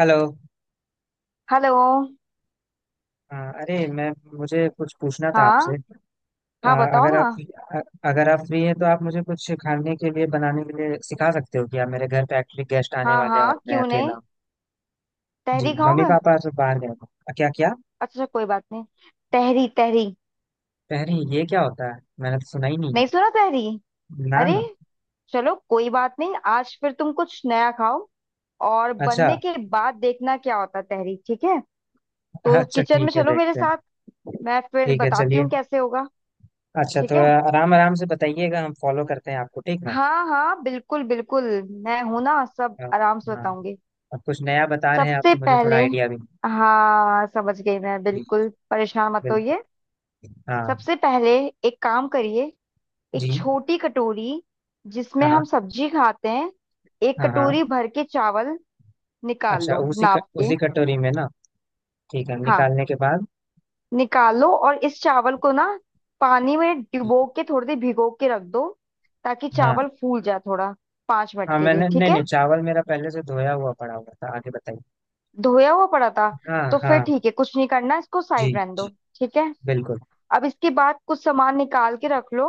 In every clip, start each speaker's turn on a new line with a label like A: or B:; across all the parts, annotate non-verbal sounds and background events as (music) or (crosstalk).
A: Hello.
B: Hello.
A: अरे मैं मुझे कुछ पूछना था आपसे।
B: हाँ।
A: अ,
B: हाँ बताओ
A: अगर आप
B: ना।
A: अ- अगर आप फ्री हैं तो आप मुझे कुछ खाने के लिए, बनाने के लिए सिखा सकते हो क्या? मेरे घर पे एक्चुअली गेस्ट आने
B: हाँ
A: वाले हैं
B: हाँ
A: और मैं
B: क्यों
A: अकेला
B: नहीं।
A: हूँ। जी
B: तहरी
A: मम्मी
B: खाओगे? अच्छा।
A: पापा सब बाहर गए हैं। क्या क्या?
B: अच्छा कोई बात नहीं। तहरी तहरी।
A: अरे ये क्या होता है? मैंने तो सुना ही नहीं है।
B: नहीं सुना तहरी?
A: ना
B: अरे
A: ना।
B: चलो कोई बात नहीं, आज फिर तुम कुछ नया खाओ। और
A: अच्छा।
B: बनने के बाद देखना क्या होता है तहरी, ठीक है? तो
A: अच्छा
B: किचन में
A: ठीक है,
B: चलो मेरे
A: देखते हैं।
B: साथ। मैं फिर
A: ठीक है
B: बताती
A: चलिए।
B: हूँ कैसे होगा।
A: अच्छा
B: ठीक
A: थोड़ा
B: है।
A: आराम आराम से बताइएगा, हम फॉलो करते हैं आपको, ठीक ना।
B: हाँ हाँ, बिल्कुल बिल्कुल। मैं हूं ना, सब
A: हाँ।
B: आराम से
A: हाँ,
B: बताऊंगी।
A: अब कुछ नया बता रहे हैं आप
B: सबसे
A: तो मुझे थोड़ा
B: पहले,
A: आइडिया भी।
B: हाँ समझ गई मैं,
A: नहीं। जी।
B: बिल्कुल परेशान मत होइए।
A: बिल्कुल। हाँ।
B: सबसे पहले एक काम करिए। एक
A: जी।
B: छोटी कटोरी जिसमें
A: हाँ
B: हम सब्जी खाते हैं, एक
A: हाँ। हाँ।
B: कटोरी भर के चावल निकाल
A: अच्छा
B: लो
A: उसी
B: नाप के।
A: उसी कटोरी में ना। ठीक है,
B: हाँ
A: निकालने के बाद?
B: निकाल लो, और इस चावल को ना पानी में डुबो के थोड़ी देर भिगो के रख दो, ताकि
A: हाँ।
B: चावल फूल जाए थोड़ा। 5 मिनट
A: हाँ
B: के लिए,
A: मैंने,
B: ठीक
A: नहीं
B: है।
A: नहीं, चावल मेरा पहले से धोया हुआ पड़ा हुआ था, आगे बताइए।
B: धोया हुआ पड़ा था?
A: हाँ
B: तो फिर
A: हाँ।
B: ठीक है कुछ नहीं करना, इसको
A: जी।
B: साइड रहने दो।
A: जी
B: ठीक है।
A: बिल्कुल।
B: अब इसके बाद कुछ सामान निकाल के रख लो,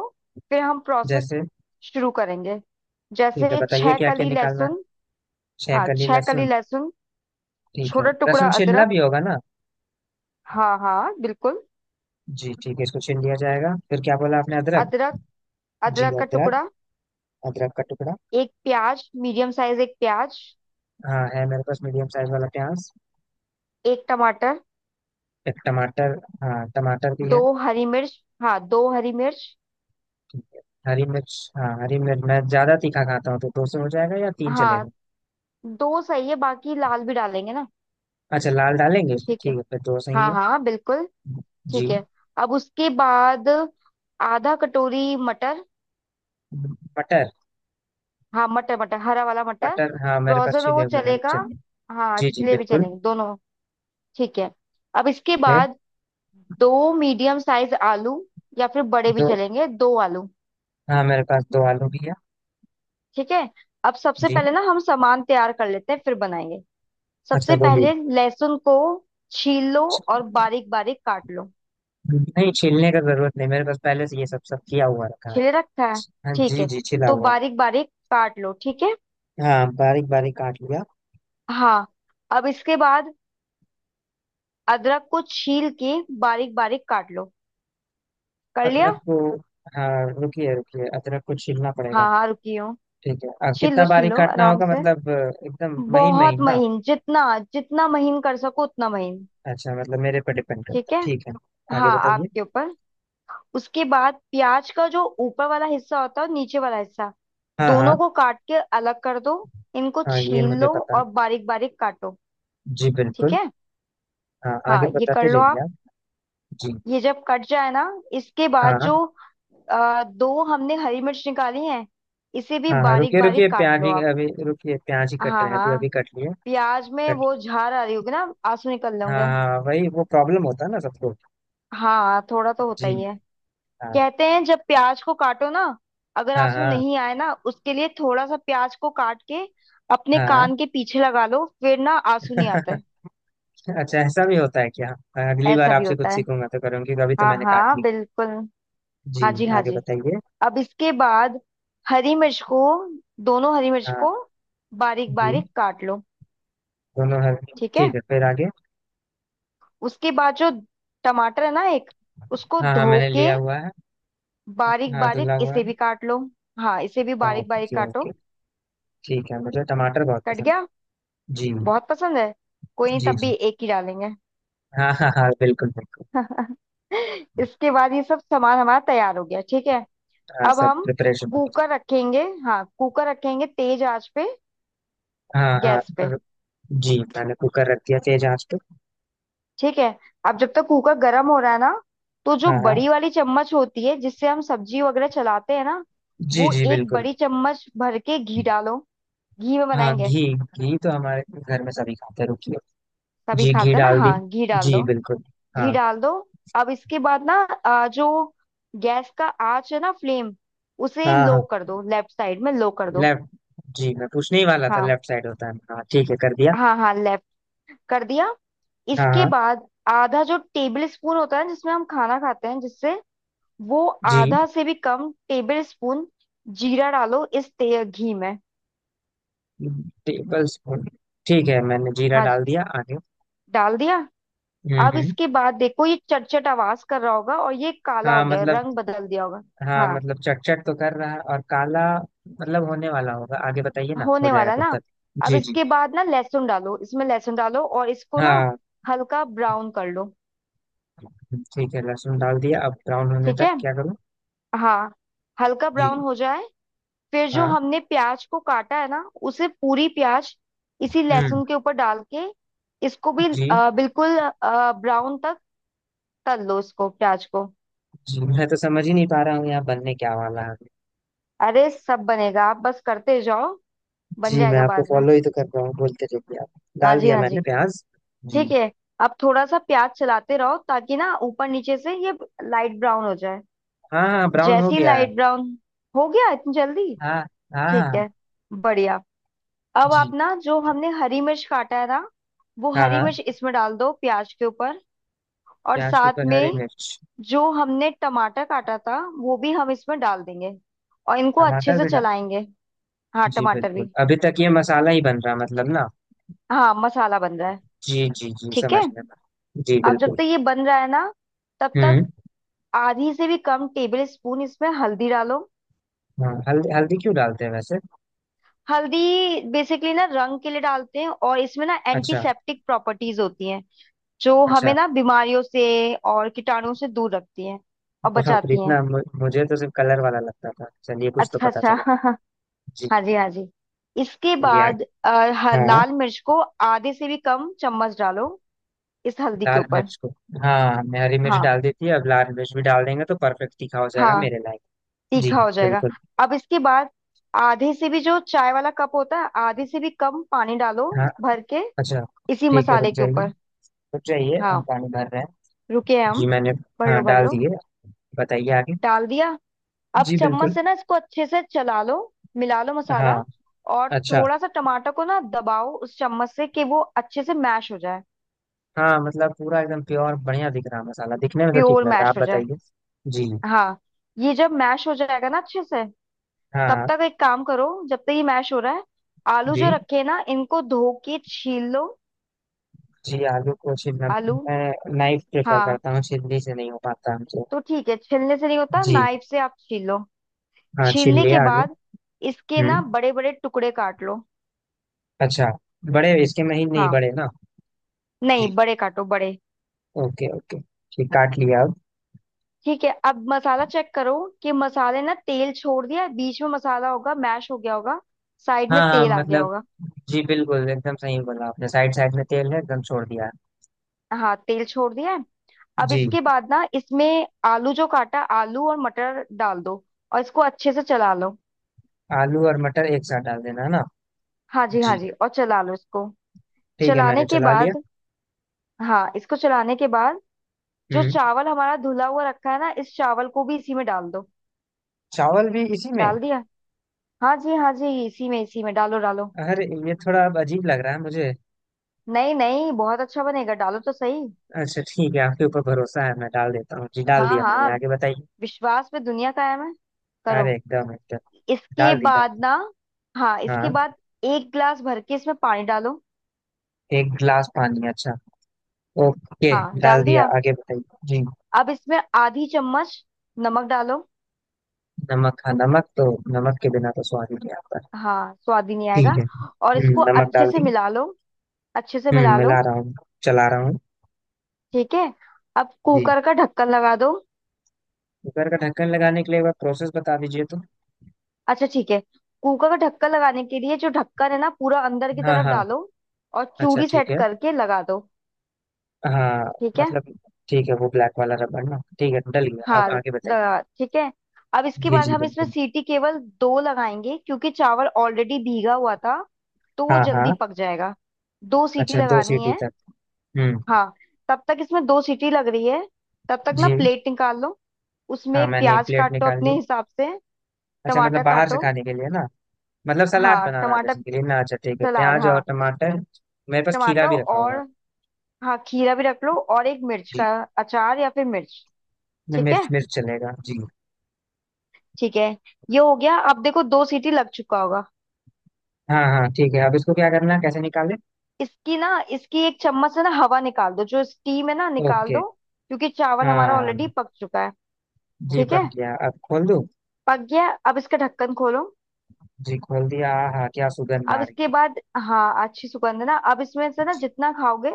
B: फिर हम प्रोसेस
A: जैसे?
B: शुरू करेंगे।
A: ठीक है
B: जैसे
A: बताइए
B: छह
A: क्या क्या
B: कली
A: निकालना है।
B: लहसुन।
A: छह
B: हाँ
A: कली
B: छह कली
A: लहसुन
B: लहसुन।
A: ठीक है,
B: छोटा टुकड़ा
A: लहसुन छीलना
B: अदरक।
A: भी होगा ना।
B: हाँ हाँ बिल्कुल।
A: जी ठीक है, इसको छील लिया जाएगा। फिर क्या बोला आपने? अदरक?
B: अदरक,
A: जी
B: अदरक का
A: अदरक।
B: टुकड़ा।
A: अदरक का टुकड़ा।
B: एक प्याज मीडियम साइज, एक प्याज।
A: हाँ है, मेरे पास मीडियम साइज वाला प्याज।
B: एक टमाटर।
A: एक टमाटर? हाँ टमाटर भी
B: दो
A: है।
B: हरी मिर्च, हाँ दो हरी मिर्च।
A: ठीक है। हरी मिर्च? हाँ हरी मिर्च, मैं ज्यादा तीखा खाता हूँ तो 200 हो जाएगा या तीन
B: हाँ
A: चलेगा?
B: दो सही है, बाकी लाल भी डालेंगे ना।
A: अच्छा लाल डालेंगे, ठीक
B: ठीक है।
A: है फिर दो सही
B: हाँ
A: है।
B: हाँ बिल्कुल।
A: जी।
B: ठीक है। अब उसके बाद आधा कटोरी मटर।
A: मटर?
B: हाँ मटर मटर, हरा वाला मटर।
A: मटर? हाँ मेरे पास
B: फ्रोजन हो
A: छिले
B: वो
A: हुए हैं,
B: चलेगा।
A: चलिए।
B: हाँ
A: जी जी
B: छिले भी
A: बिल्कुल।
B: चलेंगे दोनों। ठीक है। अब इसके
A: फिर?
B: बाद दो मीडियम साइज आलू, या फिर बड़े भी
A: दो?
B: चलेंगे, दो आलू।
A: हाँ मेरे पास 2 आलू भी है।
B: ठीक है। अब सबसे
A: जी।
B: पहले ना हम सामान तैयार कर लेते हैं, फिर बनाएंगे।
A: अच्छा
B: सबसे
A: बोलिए।
B: पहले लहसुन को छील लो और बारीक बारीक काट लो।
A: नहीं, छीलने का जरूरत नहीं, मेरे पास पहले से ये सब सब किया हुआ रखा है।
B: छिले रखा है?
A: हाँ
B: ठीक
A: जी
B: है
A: जी, छिला
B: तो
A: हुआ है।
B: बारीक बारीक काट लो, ठीक है।
A: हाँ बारीक बारीक काट लिया।
B: हाँ। अब इसके बाद अदरक को छील के बारीक बारीक काट लो। कर लिया?
A: अदरक को? हाँ। रुकिए रुकिए, अदरक को छीलना पड़ेगा।
B: हाँ हाँ रुकी हूँ।
A: ठीक है, अब कितना
B: छील
A: बारीक
B: लो
A: काटना
B: आराम
A: होगा?
B: से।
A: मतलब एकदम महीन
B: बहुत
A: महीन ना?
B: महीन, जितना जितना महीन कर सको उतना महीन।
A: अच्छा मतलब मेरे पर डिपेंड करता
B: ठीक
A: है,
B: है।
A: ठीक है। आगे
B: हाँ
A: बताइए।
B: आपके ऊपर। उसके बाद प्याज का जो ऊपर वाला हिस्सा होता है और नीचे वाला हिस्सा,
A: हाँ हाँ।
B: दोनों को काट के अलग कर दो। इनको
A: हाँ ये
B: छील
A: मुझे
B: लो
A: पता।
B: और बारीक बारीक काटो।
A: जी
B: ठीक
A: बिल्कुल।
B: है।
A: हाँ, आगे
B: हाँ ये कर
A: बताते
B: लो
A: जाइए
B: आप।
A: आप। जी।
B: ये जब कट जाए ना, इसके
A: हाँ
B: बाद
A: हाँ।
B: जो दो हमने हरी मिर्च निकाली है, इसे भी
A: हाँ। हाँ,
B: बारीक
A: रुकिए रुकिए,
B: बारीक काट
A: प्याज
B: लो
A: ही
B: आप।
A: अभी, रुकिए प्याज ही कट
B: हाँ
A: रहे हैं, अभी
B: हाँ।
A: अभी कट लिए।
B: प्याज में
A: कट
B: वो झार आ रही होगी ना, आंसू निकल
A: हाँ
B: लेंगे।
A: हाँ, वही वो प्रॉब्लम होता है ना सबको।
B: हाँ थोड़ा तो होता
A: जी।
B: ही है।
A: हाँ।
B: कहते हैं जब प्याज को काटो ना, अगर
A: हाँ
B: आंसू
A: हाँ
B: नहीं आए ना, उसके लिए थोड़ा सा प्याज को काट के अपने
A: हाँ।
B: कान के पीछे लगा लो, फिर ना आंसू नहीं आता
A: (laughs)
B: है।
A: अच्छा ऐसा भी होता है क्या? हाँ, अगली बार
B: ऐसा भी
A: आपसे
B: होता
A: कुछ
B: है।
A: सीखूंगा तो करूंगी, तो अभी तो
B: हाँ
A: मैंने काट
B: हाँ
A: ली।
B: बिल्कुल।
A: जी।
B: हाँ जी हाँ
A: आगे
B: जी।
A: बताइए।
B: अब इसके बाद हरी मिर्च को, दोनों हरी मिर्च
A: हाँ।
B: को बारीक
A: जी।
B: बारीक काट लो।
A: दोनों हर।
B: ठीक है।
A: ठीक है फिर आगे।
B: उसके बाद जो टमाटर है ना एक, उसको
A: हाँ हाँ
B: धो
A: मैंने
B: के
A: लिया हुआ है।
B: बारीक
A: हाँ
B: बारीक
A: धुला हुआ है।
B: इसे भी काट लो। हाँ इसे भी बारीक बारीक
A: ओके
B: काटो।
A: ओके। ठीक है मुझे टमाटर बहुत
B: कट
A: पसंद
B: गया?
A: है। जी
B: बहुत पसंद है। कोई नहीं
A: जी
B: तब
A: जी।
B: भी एक ही डालेंगे।
A: हाँ हाँ हाँ बिल्कुल बिल्कुल।
B: (laughs) इसके बाद ये सब सामान हमारा तैयार हो गया, ठीक है।
A: हाँ
B: अब
A: सब
B: हम
A: प्रिपरेशन हो गई।
B: कुकर रखेंगे, हाँ कुकर रखेंगे तेज आंच पे,
A: हाँ हाँ,
B: गैस पे।
A: जी मैंने कुकर रख दिया तेज आंच पे।
B: ठीक है। अब जब तक कुकर गर्म हो रहा है ना, तो जो
A: हाँ हाँ
B: बड़ी वाली चम्मच होती है जिससे हम सब्जी वगैरह चलाते हैं ना,
A: जी
B: वो
A: जी
B: एक
A: बिल्कुल।
B: बड़ी चम्मच भर के घी डालो, घी में
A: हाँ
B: बनाएंगे।
A: घी, घी तो हमारे घर में सभी खाते हैं, रुकिए।
B: सभी
A: जी घी
B: खाते हैं ना,
A: डाल दी।
B: हाँ घी डाल
A: जी
B: दो,
A: बिल्कुल।
B: घी
A: हाँ।
B: डाल दो। अब इसके बाद ना जो गैस का आंच है ना फ्लेम, उसे
A: हाँ
B: लो
A: हाँ
B: कर दो, लेफ्ट साइड में लो कर दो।
A: लेफ्ट। जी मैं पूछने ही वाला था
B: हाँ
A: लेफ्ट साइड होता है, हाँ ठीक है कर दिया।
B: हाँ हाँ लेफ्ट, कर दिया।
A: हाँ
B: इसके
A: हाँ।
B: बाद आधा जो टेबल स्पून होता है जिसमें हम खाना खाते हैं जिससे, वो
A: जी।
B: आधा से भी कम टेबल स्पून जीरा डालो इस ते घी में।
A: Tablespoon? ठीक है मैंने जीरा
B: हाँ
A: डाल
B: जी
A: दिया, आगे?
B: डाल दिया। अब
A: हम्म।
B: इसके बाद देखो ये चटचट आवाज कर रहा होगा और ये काला
A: हाँ
B: हो गया,
A: मतलब।
B: रंग बदल दिया होगा।
A: हाँ
B: हाँ
A: मतलब चट तो कर रहा है और काला। मतलब होने वाला होगा, आगे बताइए ना, हो
B: होने
A: जाएगा
B: वाला है
A: तब
B: ना।
A: तक।
B: अब
A: जी जी।
B: इसके बाद ना लहसुन डालो, इसमें लहसुन डालो और इसको ना
A: हाँ।
B: हल्का ब्राउन कर लो।
A: ठीक है लहसुन डाल दिया, अब ब्राउन होने
B: ठीक
A: तक
B: है।
A: क्या करूँ?
B: हाँ हल्का
A: जी।
B: ब्राउन हो जाए, फिर जो
A: हाँ।
B: हमने प्याज को काटा है ना, उसे पूरी प्याज इसी
A: हम्म।
B: लहसुन के ऊपर डाल के, इसको भी
A: जी।
B: बिल्कुल ब्राउन तक तल लो इसको, प्याज को।
A: जी मैं तो समझ ही नहीं पा रहा हूँ यहाँ बनने क्या वाला है।
B: अरे सब बनेगा आप बस करते जाओ, बन
A: जी मैं
B: जाएगा
A: आपको
B: बाद में।
A: फॉलो ही तो कर रहा हूँ, बोलते रहिए आप।
B: हाँ
A: डाल
B: जी
A: दिया
B: हाँ जी।
A: मैंने प्याज। जी।
B: ठीक है। अब थोड़ा सा प्याज चलाते रहो ताकि ना ऊपर नीचे से ये लाइट ब्राउन हो जाए।
A: हाँ हाँ ब्राउन हो
B: जैसी
A: गया है।
B: लाइट ब्राउन, हो गया इतनी जल्दी?
A: हाँ। हाँ
B: ठीक
A: हाँ।
B: है, बढ़िया। अब आप
A: जी।
B: ना जो हमने हरी मिर्च काटा है ना, वो
A: हाँ।
B: हरी
A: हाँ,
B: मिर्च इसमें डाल दो प्याज के ऊपर, और
A: प्याज के
B: साथ
A: ऊपर हरी
B: में
A: मिर्च।
B: जो हमने टमाटर काटा था वो भी हम इसमें डाल देंगे, और इनको अच्छे
A: टमाटर
B: से
A: भी डाल।
B: चलाएंगे। हाँ
A: जी
B: टमाटर
A: बिल्कुल,
B: भी।
A: अभी तक ये मसाला ही बन रहा मतलब ना।
B: हाँ मसाला बन रहा है।
A: जी जी जी
B: ठीक
A: समझ
B: है।
A: में। जी
B: अब जब
A: बिल्कुल।
B: तक ये बन रहा है ना, तब
A: हम्म।
B: तक आधी से भी कम टेबल स्पून इसमें हल्दी डालो।
A: हाँ हल्दी, हल्दी क्यों डालते हैं वैसे?
B: हल्दी बेसिकली ना रंग के लिए डालते हैं, और इसमें ना
A: अच्छा।
B: एंटीसेप्टिक प्रॉपर्टीज होती हैं, जो हमें
A: अच्छा।
B: ना बीमारियों से और कीटाणुओं से दूर रखती हैं और
A: बाप रे
B: बचाती हैं।
A: इतना! मुझे तो सिर्फ कलर वाला लगता था, चलिए कुछ तो
B: अच्छा
A: पता
B: अच्छा।
A: चला। जी।
B: (laughs) हाँ जी हाँ जी। इसके
A: चलिए
B: बाद
A: आगे। हाँ।
B: लाल मिर्च को आधे से भी कम चम्मच डालो, इस हल्दी के
A: लाल
B: ऊपर।
A: मिर्च को? हाँ मैं हरी मिर्च
B: हाँ
A: डाल देती है, अब लाल मिर्च भी डाल देंगे तो परफेक्ट तीखा हो जाएगा
B: हाँ
A: मेरे लायक। जी।
B: तीखा हो जाएगा।
A: बिल्कुल।
B: अब इसके बाद आधे से भी जो चाय वाला कप होता है, आधे से भी कम पानी डालो
A: हाँ।
B: भर के,
A: अच्छा।
B: इसी
A: ठीक है रुक
B: मसाले के
A: जाइए,
B: ऊपर।
A: रुक जाइए हम
B: हाँ
A: पानी भर रहे हैं।
B: रुके हैं
A: जी
B: हम।
A: मैंने,
B: भर
A: हाँ
B: लो भर
A: डाल
B: लो।
A: दिए, बताइए आगे।
B: डाल दिया। अब
A: जी
B: चम्मच
A: बिल्कुल।
B: से ना इसको अच्छे से चला लो, मिला लो
A: हाँ।
B: मसाला, और
A: अच्छा।
B: थोड़ा सा टमाटर को ना दबाओ उस चम्मच से, कि वो अच्छे से मैश हो जाए।
A: हाँ मतलब पूरा एकदम प्योर बढ़िया दिख रहा, मसाला दिखने में तो ठीक
B: प्योर
A: लग रहा है। आप
B: मैश हो जाए।
A: बताइए। जी।
B: हाँ ये जब मैश हो जाएगा ना अच्छे से, तब
A: हाँ।
B: तक एक काम करो, जब तक ये मैश हो रहा है, आलू जो
A: जी।
B: रखे हैं ना इनको धो के छील लो।
A: जी आलू को छीलना
B: आलू?
A: मैं नाइफ प्रेफर
B: हाँ।
A: करता हूँ, छिलनी से नहीं हो पाता हमसे।
B: तो ठीक है, छिलने से नहीं होता
A: जी।
B: नाइफ से आप छील लो।
A: हाँ छील
B: छीलने के
A: लिया आलू।
B: बाद इसके ना
A: हम्म।
B: बड़े बड़े टुकड़े काट लो।
A: अच्छा, बड़े? इसके महीन नहीं
B: हाँ
A: बड़े ना?
B: नहीं,
A: जी।
B: बड़े काटो बड़े।
A: Okay okay. ठीक काट लिया, अब?
B: ठीक है। अब मसाला चेक करो, कि मसाले ना तेल छोड़ दिया है, बीच में मसाला होगा मैश हो गया होगा, साइड में
A: हाँ हाँ
B: तेल आ गया
A: मतलब,
B: होगा।
A: जी बिल्कुल एकदम सही बोला आपने, साइड साइड में तेल है एकदम छोड़ दिया।
B: हाँ तेल छोड़ दिया है। अब
A: जी।
B: इसके बाद ना इसमें आलू जो काटा, आलू और मटर डाल दो, और इसको अच्छे से चला लो।
A: आलू और मटर एक साथ डाल देना है ना?
B: हाँ जी हाँ
A: जी।
B: जी, और चला लो इसको।
A: ठीक है
B: चलाने
A: मैंने
B: के
A: चला लिया।
B: बाद, हाँ इसको चलाने के बाद, जो
A: हम्म।
B: चावल हमारा धुला हुआ रखा है ना इस चावल को भी इसी में डाल दो।
A: चावल भी इसी में?
B: डाल दिया। हाँ जी हाँ जी, इसी में डालो डालो।
A: अरे ये थोड़ा अब अजीब लग रहा है मुझे।
B: नहीं नहीं बहुत अच्छा बनेगा, डालो तो सही।
A: अच्छा ठीक है, आपके ऊपर भरोसा है, मैं डाल देता हूँ। जी डाल
B: हाँ
A: दिया
B: हाँ
A: मैंने, आगे बताइए।
B: विश्वास पे दुनिया कायम है, करो।
A: अरे एकदम एकदम।
B: इसके
A: डाल दी, डाल
B: बाद
A: दी।
B: ना, हाँ इसके
A: हाँ।
B: बाद एक गिलास भर के इसमें पानी डालो।
A: एक गिलास पानी? अच्छा। ओके।
B: हाँ
A: डाल
B: डाल
A: दिया,
B: दिया।
A: आगे बताइए जी।
B: अब इसमें आधी चम्मच नमक डालो।
A: नमक? हाँ नमक तो, नमक के बिना तो स्वाद ही नहीं आता।
B: हाँ स्वाद ही नहीं
A: ठीक
B: आएगा।
A: है।
B: और इसको
A: नमक
B: अच्छे
A: डाल
B: से
A: दी।
B: मिला लो, अच्छे से मिला
A: मिला
B: लो।
A: रहा हूँ, चला रहा हूँ।
B: ठीक है। अब
A: जी।
B: कुकर का ढक्कन लगा दो।
A: कुकर का ढक्कन लगाने के लिए एक बार प्रोसेस बता दीजिए तो।
B: अच्छा ठीक है, कुकर का ढक्कन लगाने के लिए जो ढक्कन है ना पूरा अंदर की
A: हाँ
B: तरफ
A: हाँ।
B: डालो, और
A: अच्छा
B: चूड़ी
A: ठीक
B: सेट
A: है।
B: करके लगा दो।
A: हाँ।
B: ठीक है।
A: मतलब, ठीक है वो ब्लैक वाला रबड़ ना, ठीक है डल गया, अब
B: हाँ
A: आगे बताइए।
B: लगा, ठीक है। अब इसके
A: जी
B: बाद
A: जी
B: हम इसमें
A: बिल्कुल।
B: सीटी केवल दो लगाएंगे, क्योंकि चावल ऑलरेडी भीगा हुआ था, तो वो
A: हाँ
B: जल्दी
A: हाँ।
B: पक जाएगा। दो सीटी
A: अच्छा दो
B: लगानी
A: सीटी
B: है।
A: तक। हम्म।
B: हाँ तब तक इसमें दो सीटी लग रही है, तब तक ना
A: जी।
B: प्लेट निकाल लो,
A: हाँ
B: उसमें
A: मैंने एक
B: प्याज
A: प्लेट
B: काटो
A: निकाल ली।
B: अपने हिसाब से,
A: अच्छा मतलब
B: टमाटर
A: बाहर से
B: काटो।
A: खाने के लिए ना? मतलब सलाद
B: हाँ
A: बनाना
B: टमाटर,
A: जैसे के लिए ना? अच्छा ठीक है,
B: सलाद
A: प्याज और
B: हाँ।
A: टमाटर। मेरे पास खीरा
B: टमाटर
A: भी रखा
B: और,
A: हुआ है।
B: हाँ खीरा भी रख लो, और एक मिर्च
A: जी।
B: का अचार या फिर मिर्च।
A: न,
B: ठीक
A: मिर्च,
B: है,
A: मिर्च चलेगा जी।
B: ठीक है। ये हो गया अब देखो, दो सीटी लग चुका होगा।
A: हाँ हाँ ठीक है, अब इसको क्या करना है, कैसे निकालें?
B: इसकी ना, इसकी एक चम्मच से ना हवा निकाल दो, जो स्टीम है ना निकाल
A: ओके।
B: दो, क्योंकि चावल हमारा ऑलरेडी
A: हाँ।
B: पक चुका है।
A: जी
B: ठीक है,
A: पक गया, अब खोल दूँ?
B: पक गया। अब इसका ढक्कन खोलो।
A: जी खोल दिया। हाँ क्या सुगंध आ
B: अब
A: रही
B: इसके
A: है!
B: बाद, हाँ अच्छी सुगंध है ना। अब इसमें से ना
A: जी।
B: जितना खाओगे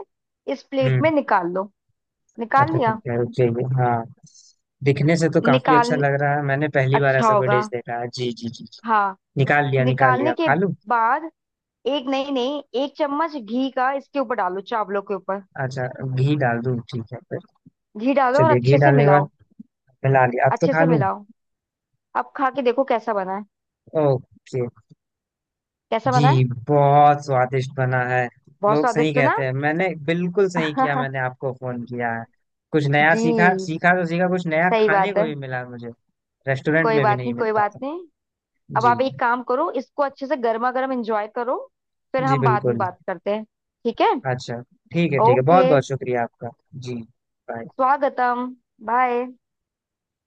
B: इस प्लेट
A: हम्म।
B: में निकाल लो। निकाल
A: अच्छा ठीक
B: लिया,
A: है रुक जाइए। हाँ दिखने से तो काफी अच्छा
B: निकाल
A: लग रहा है, मैंने पहली बार
B: अच्छा
A: ऐसा कोई
B: होगा।
A: डिश देखा है। जी जी जी।
B: हाँ
A: निकाल लिया निकाल
B: निकालने
A: लिया,
B: के
A: खा लूं?
B: बाद एक नहीं नहीं एक चम्मच घी का इसके ऊपर डालो, चावलों के ऊपर।
A: अच्छा घी डाल दूं, ठीक है फिर।
B: घी डालो और
A: चलिए घी
B: अच्छे से
A: डालने के
B: मिलाओ,
A: बाद मिला लिया, अब तो
B: अच्छे
A: खा
B: से
A: लूं?
B: मिलाओ। अब खा के देखो कैसा बना है,
A: ओके।
B: कैसा बना है।
A: जी बहुत स्वादिष्ट बना है।
B: बहुत
A: लोग सही
B: स्वादिष्ट है
A: कहते
B: ना।
A: हैं, मैंने बिल्कुल सही किया मैंने
B: (laughs)
A: आपको फोन किया है। कुछ नया
B: जी
A: सीखा, सीखा तो सीखा, कुछ नया
B: सही
A: खाने
B: बात
A: को
B: है।
A: भी मिला मुझे। रेस्टोरेंट
B: कोई
A: में भी
B: बात
A: नहीं
B: नहीं कोई
A: मिलता
B: बात
A: था।
B: नहीं। अब
A: जी।
B: आप एक काम करो, इसको अच्छे से गर्मा गर्म एंजॉय करो, फिर
A: जी
B: हम बाद में
A: बिल्कुल।
B: बात करते हैं। ठीक है।
A: अच्छा ठीक है, ठीक है
B: ओके।
A: बहुत बहुत शुक्रिया आपका। जी। बाय।
B: स्वागतम। बाय।